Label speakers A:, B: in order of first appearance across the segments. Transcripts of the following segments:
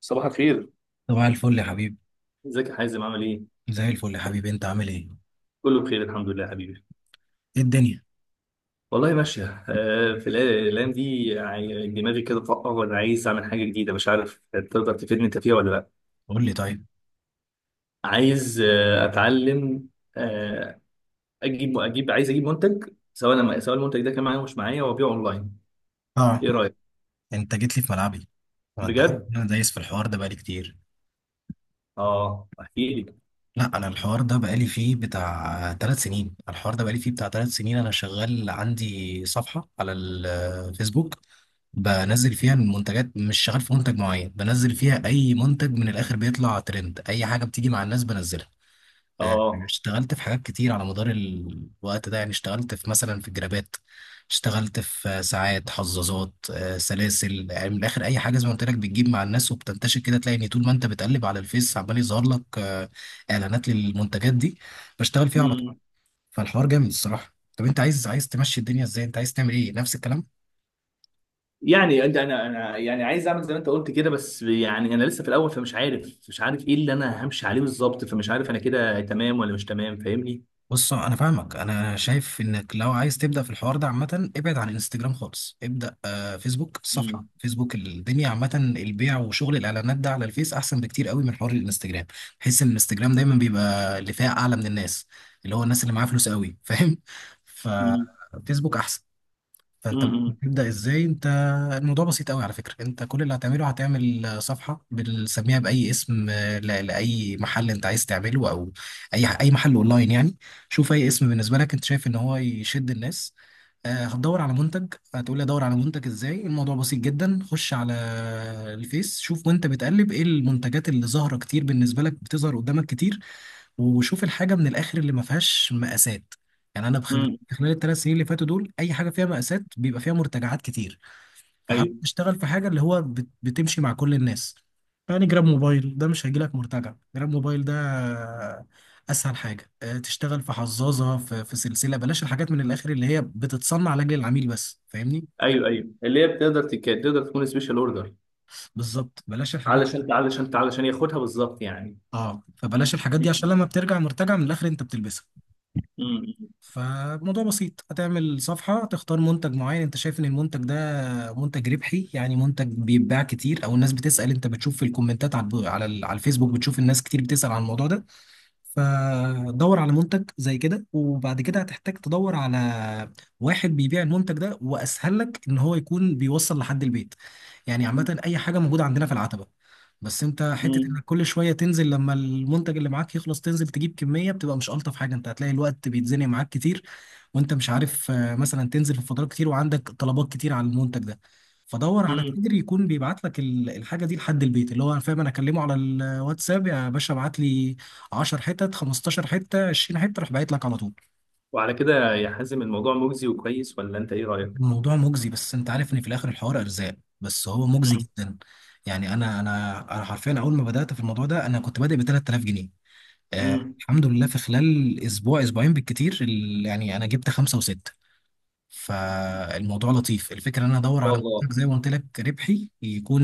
A: صباح الخير.
B: صباح الفل يا حبيبي.
A: ازيك يا حازم، عامل ايه؟
B: زي الفل يا حبيبي، انت عامل ايه؟
A: كله بخير، الحمد لله يا حبيبي.
B: ايه الدنيا؟
A: والله ماشية. في الأيام دي يعني دماغي كده طاقة، وأنا عايز أعمل حاجة جديدة. مش عارف تقدر تفيدني أنت فيها ولا لأ.
B: قول لي طيب.
A: عايز أتعلم. آه، أجيب أجيب عايز أجيب منتج، سواء المنتج ده كان معايا ومش معايا، وأبيعه أونلاين.
B: اه.
A: إيه رأيك؟
B: انت جيت لي في ملعبي. هو انت عارف
A: بجد؟
B: ان انا دايس في الحوار ده بقالي كتير.
A: آه، أحكي لي.
B: لا انا الحوار ده بقالي فيه بتاع 3 سنين الحوار ده بقالي فيه بتاع ثلاث سنين، انا شغال عندي صفحة على الفيسبوك، بنزل فيها المنتجات، مش شغال في منتج معين، بنزل فيها اي منتج من الاخر بيطلع ترند، اي حاجة بتيجي مع الناس بنزلها. آه،
A: آه
B: اشتغلت في حاجات كتير على مدار الوقت ده، يعني اشتغلت في مثلا في جرابات، اشتغلت في ساعات، حظاظات، سلاسل، يعني من الاخر اي حاجه زي ما قلت لك بتجيب مع الناس وبتنتشر كده، تلاقي ان طول ما انت بتقلب على الفيس عمال يظهر لك اعلانات للمنتجات دي، بشتغل فيها على طول. فالحوار جامد الصراحه. طب انت عايز تمشي الدنيا ازاي؟ انت عايز تعمل ايه، نفس الكلام؟
A: يعني انت، انا يعني عايز اعمل زي ما انت قلت كده، بس يعني انا لسه في الاول، فمش عارف مش عارف ايه اللي انا همشي عليه بالظبط، فمش عارف انا كده تمام ولا مش تمام. فاهمني؟
B: بص انا فاهمك، انا شايف انك لو عايز تبدا في الحوار ده عامه، ابعد عن انستجرام خالص، ابدا فيسبوك، الصفحه
A: امم،
B: فيسبوك، الدنيا عامه. البيع وشغل الاعلانات ده على الفيس احسن بكتير قوي من حوار الانستجرام. بحس ان الانستجرام دايما بيبقى اللي فيها اعلى من الناس، اللي هو الناس اللي معاها فلوس قوي، فاهم؟
A: امم،
B: ففيسبوك احسن. فانت
A: امم،
B: بتبدا ازاي انت؟ الموضوع بسيط قوي على فكره. انت كل اللي هتعمله هتعمل صفحه بنسميها باي اسم، لاي محل انت عايز تعمله، او اي محل اونلاين يعني. شوف اي اسم بالنسبه لك انت شايف ان هو يشد الناس. هتدور على منتج، هتقول لي ادور على منتج ازاي؟ الموضوع بسيط جدا. خش على الفيس، شوف وانت بتقلب ايه المنتجات اللي ظاهره كتير بالنسبه لك، بتظهر قدامك كتير، وشوف الحاجه من الاخر اللي ما فيهاش مقاسات. يعني انا بخبرتي
A: امم.
B: خلال ال 3 سنين اللي فاتوا دول، اي حاجه فيها مقاسات بيبقى فيها مرتجعات كتير. فحابب
A: ايوه،
B: اشتغل في حاجه اللي هو بتمشي مع كل الناس. يعني جراب موبايل ده مش هيجيلك مرتجع. جراب موبايل ده اسهل حاجه. تشتغل في حظاظه، في سلسله. بلاش الحاجات من الاخر اللي هي بتتصنع لاجل العميل بس، فاهمني؟
A: ايوه، ايوه اللي هي تقدر تكون سبيشال اوردر.
B: بالظبط. بلاش الحاجات.
A: علشان ياخدها بالظبط يعني.
B: اه. فبلاش الحاجات دي عشان لما بترجع مرتجع من الاخر انت بتلبسها.
A: امم،
B: فالموضوع بسيط، هتعمل صفحة تختار منتج معين، انت شايف ان المنتج ده منتج ربحي، يعني منتج بيتباع كتير او الناس بتسأل. انت بتشوف في الكومنتات على على على الفيسبوك، بتشوف الناس كتير بتسأل عن الموضوع ده. فدور على منتج زي كده، وبعد كده هتحتاج تدور على واحد بيبيع المنتج ده، واسهل لك ان هو يكون بيوصل لحد البيت. يعني عامه اي حاجه موجوده عندنا في العتبه. بس انت حته
A: امم،
B: انك كل شويه تنزل لما المنتج اللي معاك يخلص تنزل تجيب كميه بتبقى مش الطف حاجه، انت هتلاقي الوقت بيتزنق معاك كتير، وانت مش عارف مثلا تنزل في فترات كتير وعندك طلبات كتير على المنتج ده. فدور على
A: امم.
B: تاجر يكون بيبعت لك الحاجه دي لحد البيت، اللي هو فاهم، انا اكلمه على الواتساب يا باشا ابعت لي 10 حتت، 15 حته، 20 حته، راح باعت لك على طول.
A: وعلى كده يا حازم، الموضوع مجزي وكويس ولا انت ايه رايك؟
B: الموضوع مجزي، بس انت عارف ان في الاخر الحوار ارزاق، بس هو مجزي
A: امم،
B: جدا. يعني انا حرفيا اول ما بدات في الموضوع ده انا كنت بادئ ب 3000 جنيه. آه
A: امم.
B: الحمد لله في خلال اسبوع اسبوعين بالكتير يعني انا جبت خمسه وسته. فالموضوع لطيف. الفكره ان انا ادور على
A: والله.
B: منتج زي ما قلت لك ربحي يكون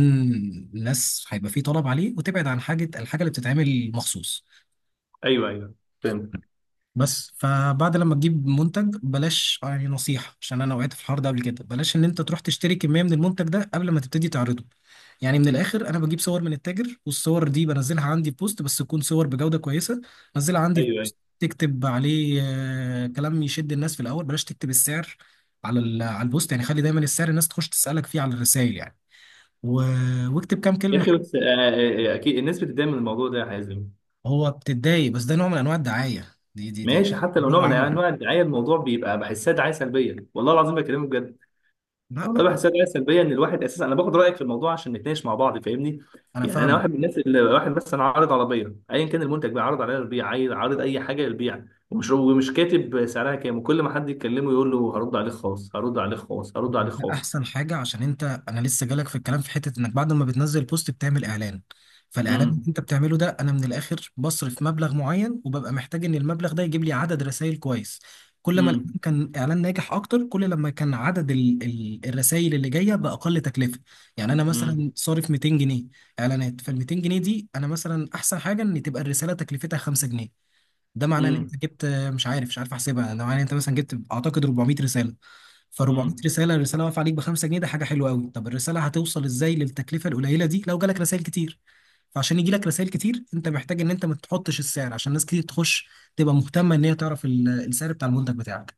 B: الناس هيبقى فيه طلب عليه، وتبعد عن الحاجه اللي بتتعمل مخصوص.
A: ايوه، ايوه، فهمت.
B: بس فبعد لما تجيب منتج بلاش يعني نصيحة عشان انا وقعت في الحوار ده قبل كده، بلاش ان انت تروح تشتري كمية من المنتج ده قبل ما تبتدي تعرضه. يعني من الاخر انا بجيب صور من التاجر والصور دي بنزلها عندي في بوست، بس تكون صور بجودة كويسة. نزلها عندي في
A: ايوه، أيوه.
B: بوست، تكتب عليه كلام يشد الناس. في الاول بلاش تكتب السعر على على البوست يعني، خلي دايما السعر الناس تخش تسألك فيه على الرسائل يعني، و... واكتب كام
A: يا
B: كلمة.
A: اخي بس اكيد الناس بتتضايق من الموضوع ده يا حازم.
B: هو بتتضايق، بس ده نوع من انواع الدعاية دي.
A: ماشي، حتى لو
B: بره
A: نوع من
B: عني.
A: انواع الدعايه الموضوع بيبقى بحسها دعايه سلبيه، والله العظيم بكلمك بجد.
B: لا
A: والله بحسها دعايه سلبيه، ان الواحد اساسا انا باخد رايك في الموضوع عشان نتناقش مع بعض. فاهمني؟
B: انا
A: يعني انا
B: فاهمك.
A: واحد من الناس اللي واحد مثلا عارض عربيه، ايا كان المنتج بقى عارض عليها للبيع، عارض اي حاجه للبيع. ومش كاتب سعرها كام، وكل ما حد يتكلمه يقول له هرد عليك خاص، هرد عليك خاص، هرد عليك
B: ده
A: خاص.
B: احسن حاجه، عشان انت انا لسه جالك في الكلام في حته انك بعد ما بتنزل بوست بتعمل اعلان. فالاعلان اللي
A: امم،
B: انت بتعمله ده، انا من الاخر بصرف مبلغ معين وببقى محتاج ان المبلغ ده يجيب لي عدد رسائل كويس. كل ما
A: امم،
B: الإعلان كان اعلان ناجح اكتر، كل لما كان عدد الرسائل اللي جايه باقل تكلفه. يعني انا مثلا صارف 200 جنيه اعلانات، فال 200 جنيه دي انا مثلا احسن حاجه ان تبقى الرساله تكلفتها 5 جنيه. ده معناه ان
A: امم،
B: انت جبت، مش عارف احسبها، ده معناه ان انت مثلا جبت اعتقد 400 رساله. ف 400
A: امم.
B: رساله، الرساله واقفه عليك ب 5 جنيه، ده حاجه حلوه قوي. طب الرساله هتوصل ازاي للتكلفه القليله دي؟ لو جالك رسائل كتير. فعشان يجي لك رسائل كتير انت محتاج ان انت ما تحطش السعر عشان ناس كتير تخش، تبقى مهتمه ان هي تعرف السعر بتاع المنتج بتاعك.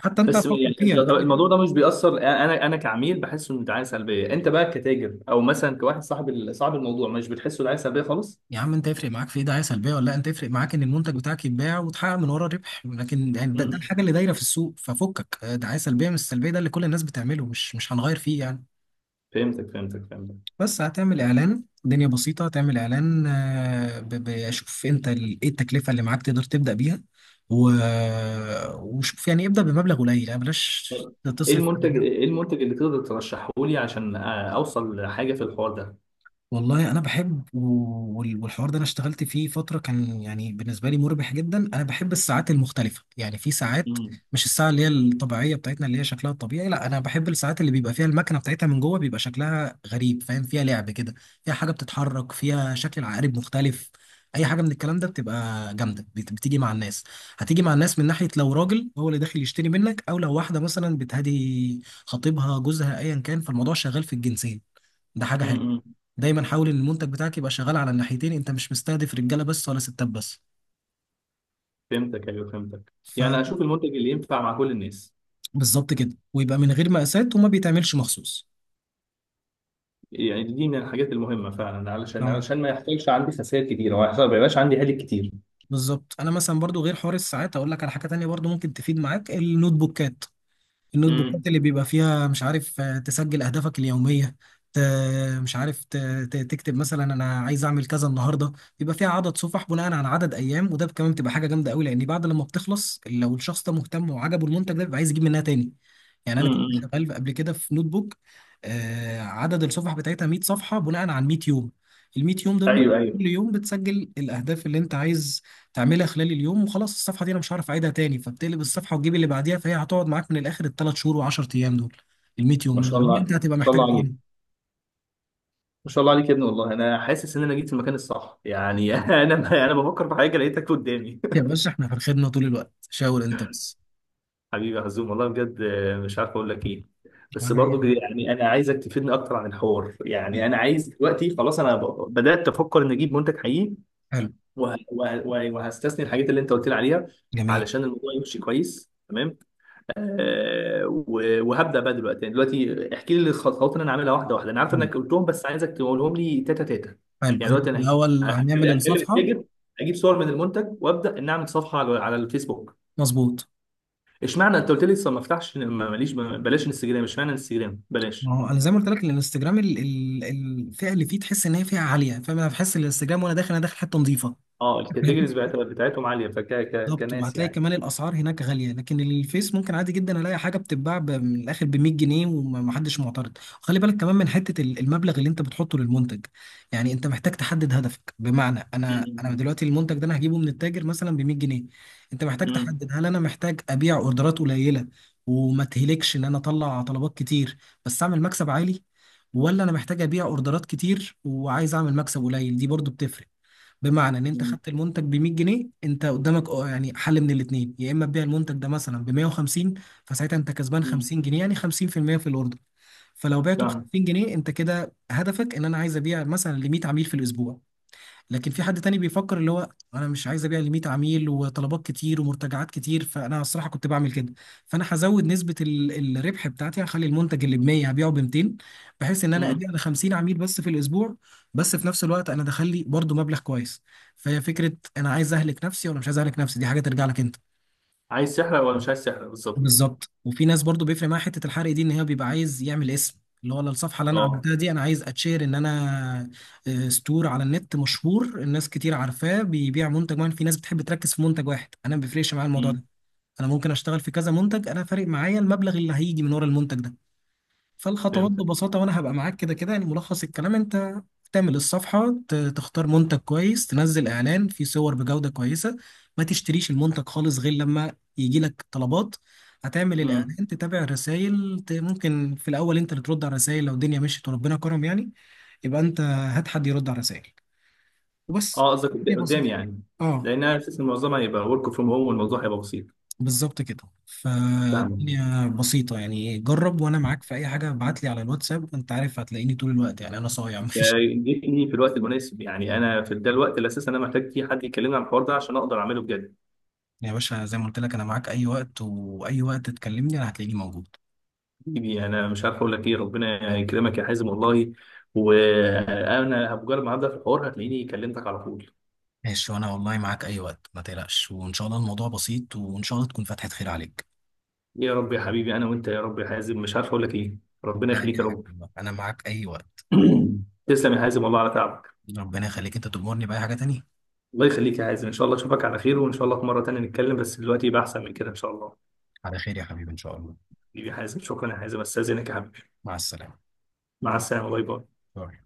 B: حتى انت فكر فيها.
A: طب الموضوع ده مش بيأثر؟ انا كعميل بحسه انه دعايه سلبيه. انت بقى كتاجر او مثلا كواحد صاحب صاحب الموضوع مش بتحسه دعايه سلبيه خالص؟
B: يا عم انت يفرق معاك في ايه، دعايه سلبيه ولا لا؟ انت يفرق معاك ان المنتج بتاعك يتباع وتحقق من ورا ربح، لكن يعني ده
A: م-م.
B: الحاجه اللي دايره في السوق ففكك. دعايه سلبيه مش سلبيه، ده اللي كل الناس بتعمله، مش هنغير فيه يعني.
A: فهمتك، فهمتك، فهمتك.
B: بس هتعمل اعلان، الدنيا بسيطه، هتعمل اعلان، اشوف انت ايه التكلفه اللي معاك تقدر تبدا بيها، و... وشوف يعني ابدا بمبلغ قليل، يعني بلاش
A: طب
B: تصرف.
A: ايه المنتج اللي تقدر ترشحه لي عشان اوصل لحاجه في الحوار ده؟
B: والله انا بحب والحوار ده انا اشتغلت فيه فتره، كان يعني بالنسبه لي مربح جدا. انا بحب الساعات المختلفه، يعني في ساعات،
A: م-م.
B: مش الساعه اللي هي الطبيعيه بتاعتنا اللي هي شكلها الطبيعي، لا انا بحب الساعات اللي بيبقى فيها المكنه بتاعتها من جوه بيبقى شكلها غريب، فاهم، فيها لعب كده، فيها حاجه بتتحرك، فيها شكل العقارب مختلف. اي حاجه من الكلام ده بتبقى جامده، بتيجي مع الناس. هتيجي مع الناس من ناحيه لو راجل هو اللي داخل يشتري منك، او لو واحده مثلا بتهدي خطيبها جوزها ايا كان، فالموضوع شغال في الجنسين، ده حاجه حلوه.
A: م-م.
B: دايما حاول ان المنتج بتاعك يبقى شغال على الناحيتين، انت مش مستهدف رجاله بس ولا ستات بس.
A: فهمتك، ايوه، فهمتك. يعني اشوف المنتج اللي ينفع مع كل الناس.
B: فبالظبط كده، ويبقى من غير مقاسات وما بيتعملش مخصوص.
A: يعني دي من الحاجات المهمه فعلا، علشان
B: اه
A: علشان ما يحصلش عندي خسائر كتير، او ما يبقاش عندي هالك كتير.
B: بالظبط. انا مثلا برضو غير حوار الساعات اقول لك على حاجه تانية برضو ممكن تفيد معاك، النوت بوكات. النوت
A: م-م.
B: بوكات اللي بيبقى فيها مش عارف تسجل اهدافك اليوميه. ت- مش عارف، تكتب مثلا انا عايز اعمل كذا النهارده. بيبقى فيها عدد صفح بناء على عدد ايام، وده كمان بتبقى حاجه جامده قوي، لان بعد لما بتخلص لو الشخص ده مهتم وعجبه المنتج ده بيبقى عايز يجيب منها تاني. يعني انا كنت
A: م-م.
B: شغال قبل كده في نوت بوك، عدد الصفح بتاعتها 100 صفحه بناء على 100 يوم. ال 100 يوم دول
A: ايوه، ايوه.
B: كل يوم بتسجل الاهداف اللي انت عايز تعملها خلال اليوم وخلاص، الصفحه دي انا مش هعرف اعيدها تاني، فبتقلب الصفحه وتجيب اللي بعديها، فهي هتقعد معاك من الاخر ال 3 شهور و10 ايام دول، ال 100 يوم
A: ما
B: اللي
A: شاء
B: بعدين
A: الله،
B: انت
A: ما
B: هتبقى
A: شاء
B: محتاج
A: الله
B: تاني.
A: عليك، ما شاء الله عليك يا ابني. والله انا حاسس ان انا جيت في المكان الصح، يعني انا بفكر في حاجه لقيتك قدامي.
B: يا باشا احنا في الخدمه طول الوقت، شاور انت بس.
A: حبيبي يا حزوم، والله بجد مش عارف اقول لك ايه. بس
B: ولا اي
A: برضو
B: حاجه.
A: يعني انا عايزك تفيدني اكتر عن الحوار. يعني انا عايز دلوقتي خلاص، انا بدات افكر ان اجيب منتج حقيقي.
B: حلو.
A: وهستثني الحاجات اللي انت قلت لي عليها
B: جميل.
A: علشان الموضوع يمشي كويس. تمام. وهبدا بقى دلوقتي. يعني دلوقتي احكي لي الخطوات اللي انا عاملها واحده واحده. انا عارف انك قلتهم، بس عايزك تقولهم لي تاتا تاتا.
B: حلو،
A: يعني
B: انت
A: دلوقتي
B: في
A: انا
B: الاول هنعمل
A: هكلم
B: الصفحه.
A: التاجر، اجيب صور من المنتج، وابدا ان اعمل صفحه على الفيسبوك.
B: مظبوط.
A: اشمعنى انت قلت لي لسه ما افتحش ماليش بلاش انستجرام؟ اشمعنى انستجرام بلاش؟
B: ما هو انا زي ما قلت لك الانستجرام الفئه اللي فيه تحس ان هي فئه عاليه، فاهم، انا بحس الانستجرام وانا داخل انا داخل حته نظيفه.
A: اه، الكاتيجوريز بتاعتهم عاليه، فك
B: بالظبط.
A: كناس
B: وهتلاقي
A: يعني.
B: كمان الاسعار هناك غاليه، لكن الفيس ممكن عادي جدا الاقي حاجه بتتباع من الاخر ب 100 جنيه ومحدش معترض. خلي بالك كمان من حته المبلغ اللي انت بتحطه للمنتج. يعني انت محتاج تحدد هدفك، بمعنى انا
A: امم،
B: دلوقتي المنتج ده انا هجيبه من التاجر مثلا ب 100 جنيه. انت محتاج
A: امم،
B: تحدد، هل انا محتاج ابيع اوردرات قليله وما تهلكش ان انا اطلع طلبات كتير بس اعمل مكسب عالي، ولا انا محتاج ابيع اوردرات كتير وعايز اعمل مكسب قليل؟ دي برضو بتفرق. بمعنى ان انت
A: امم،
B: خدت المنتج ب 100 جنيه، انت قدامك اه يعني حل من الاثنين. يا اما تبيع المنتج ده مثلا ب 150، فساعتها انت كسبان
A: امم.
B: 50 جنيه، يعني 50% في المية في الاوردر. فلو بعته ب
A: فاهم.
B: 50 جنيه انت كده هدفك ان انا عايز ابيع مثلا ل 100 عميل في الاسبوع. لكن في حد تاني بيفكر، اللي هو انا مش عايز ابيع ل 100 عميل وطلبات كتير ومرتجعات كتير، فانا الصراحه كنت بعمل كده، فانا هزود نسبه الربح بتاعتي، هخلي المنتج اللي ب 100 هبيعه ب 200، بحيث ان انا
A: امم.
B: ابيع ل 50 عميل بس في الاسبوع، بس في نفس الوقت انا دخل لي برضه مبلغ كويس. فهي فكره، انا عايز اهلك نفسي ولا مش عايز اهلك نفسي، دي حاجه ترجع لك انت.
A: عايز سحر ولا مش عايز سحر بالظبط.
B: بالظبط. وفي ناس برضو بيفرق معاها حته الحرق دي، ان هي بيبقى عايز يعمل اسم، اللي هو أنا الصفحه اللي انا
A: اه،
B: عملتها دي انا عايز اتشير ان انا ستور على النت مشهور، الناس كتير عارفاه، بيبيع منتج معين. في ناس بتحب تركز في منتج واحد، انا ما بيفرقش معايا الموضوع ده،
A: امم.
B: انا ممكن اشتغل في كذا منتج، انا فارق معايا المبلغ اللي هيجي من ورا المنتج ده. فالخطوات ببساطه، وانا هبقى معاك كده كده، يعني ملخص الكلام، انت تعمل الصفحة، تختار منتج كويس، تنزل إعلان فيه صور بجودة كويسة. ما تشتريش المنتج خالص غير لما يجي لك طلبات. هتعمل
A: فهمت.
B: الإعلان، تتابع الرسايل، ممكن في الأول أنت اللي ترد على الرسايل، لو الدنيا مشيت وربنا كرم يعني يبقى أنت هات حد يرد على رسايل، وبس.
A: اه قصدك
B: الدنيا
A: قدام
B: بسيطة.
A: يعني.
B: أه
A: لان انا اساس معظمها هيبقى ورك فروم هوم، والموضوع هيبقى بسيط.
B: بالظبط كده،
A: فاهمك.
B: فالدنيا بسيطة، يعني جرب وأنا معاك في أي حاجة، ابعت لي على الواتساب، أنت عارف هتلاقيني طول الوقت يعني، أنا صايع مفيش.
A: جيتني في الوقت المناسب. يعني انا في ده الوقت اللي اساسا انا محتاج فيه حد يكلمني عن الحوار ده عشان اقدر اعمله بجد.
B: يا باشا زي ما قلت لك انا معاك اي وقت، واي وقت تكلمني انا هتلاقيني موجود.
A: حبيبي، انا مش عارف اقول لك ايه. ربنا يكرمك يا حازم، والله. وانا بمجرد ما هبدا في الحوار هتلاقيني كلمتك على طول.
B: ماشي، وانا والله معاك اي وقت، ما تقلقش، وان شاء الله الموضوع بسيط، وان شاء الله تكون فتحة خير عليك.
A: يا رب يا حبيبي، انا وانت يا رب يا حازم. مش عارف اقول لك ايه. ربنا
B: لا
A: يخليك
B: اي
A: يا
B: حاجة
A: رب.
B: والله. انا معاك اي وقت.
A: تسلم يا حازم، والله على تعبك.
B: ربنا يخليك، انت تأمرني بأي حاجة تانية.
A: الله يخليك يا حازم، ان شاء الله اشوفك على خير، وان شاء الله في مره تانيه نتكلم، بس دلوقتي يبقى احسن من كده ان شاء الله.
B: على خير يا حبيبي ان شاء الله.
A: حبيبي حازم، شكرا يا حازم، استاذنك يا حبيبي.
B: مع السلامة.
A: مع السلامه. باي باي.
B: باي.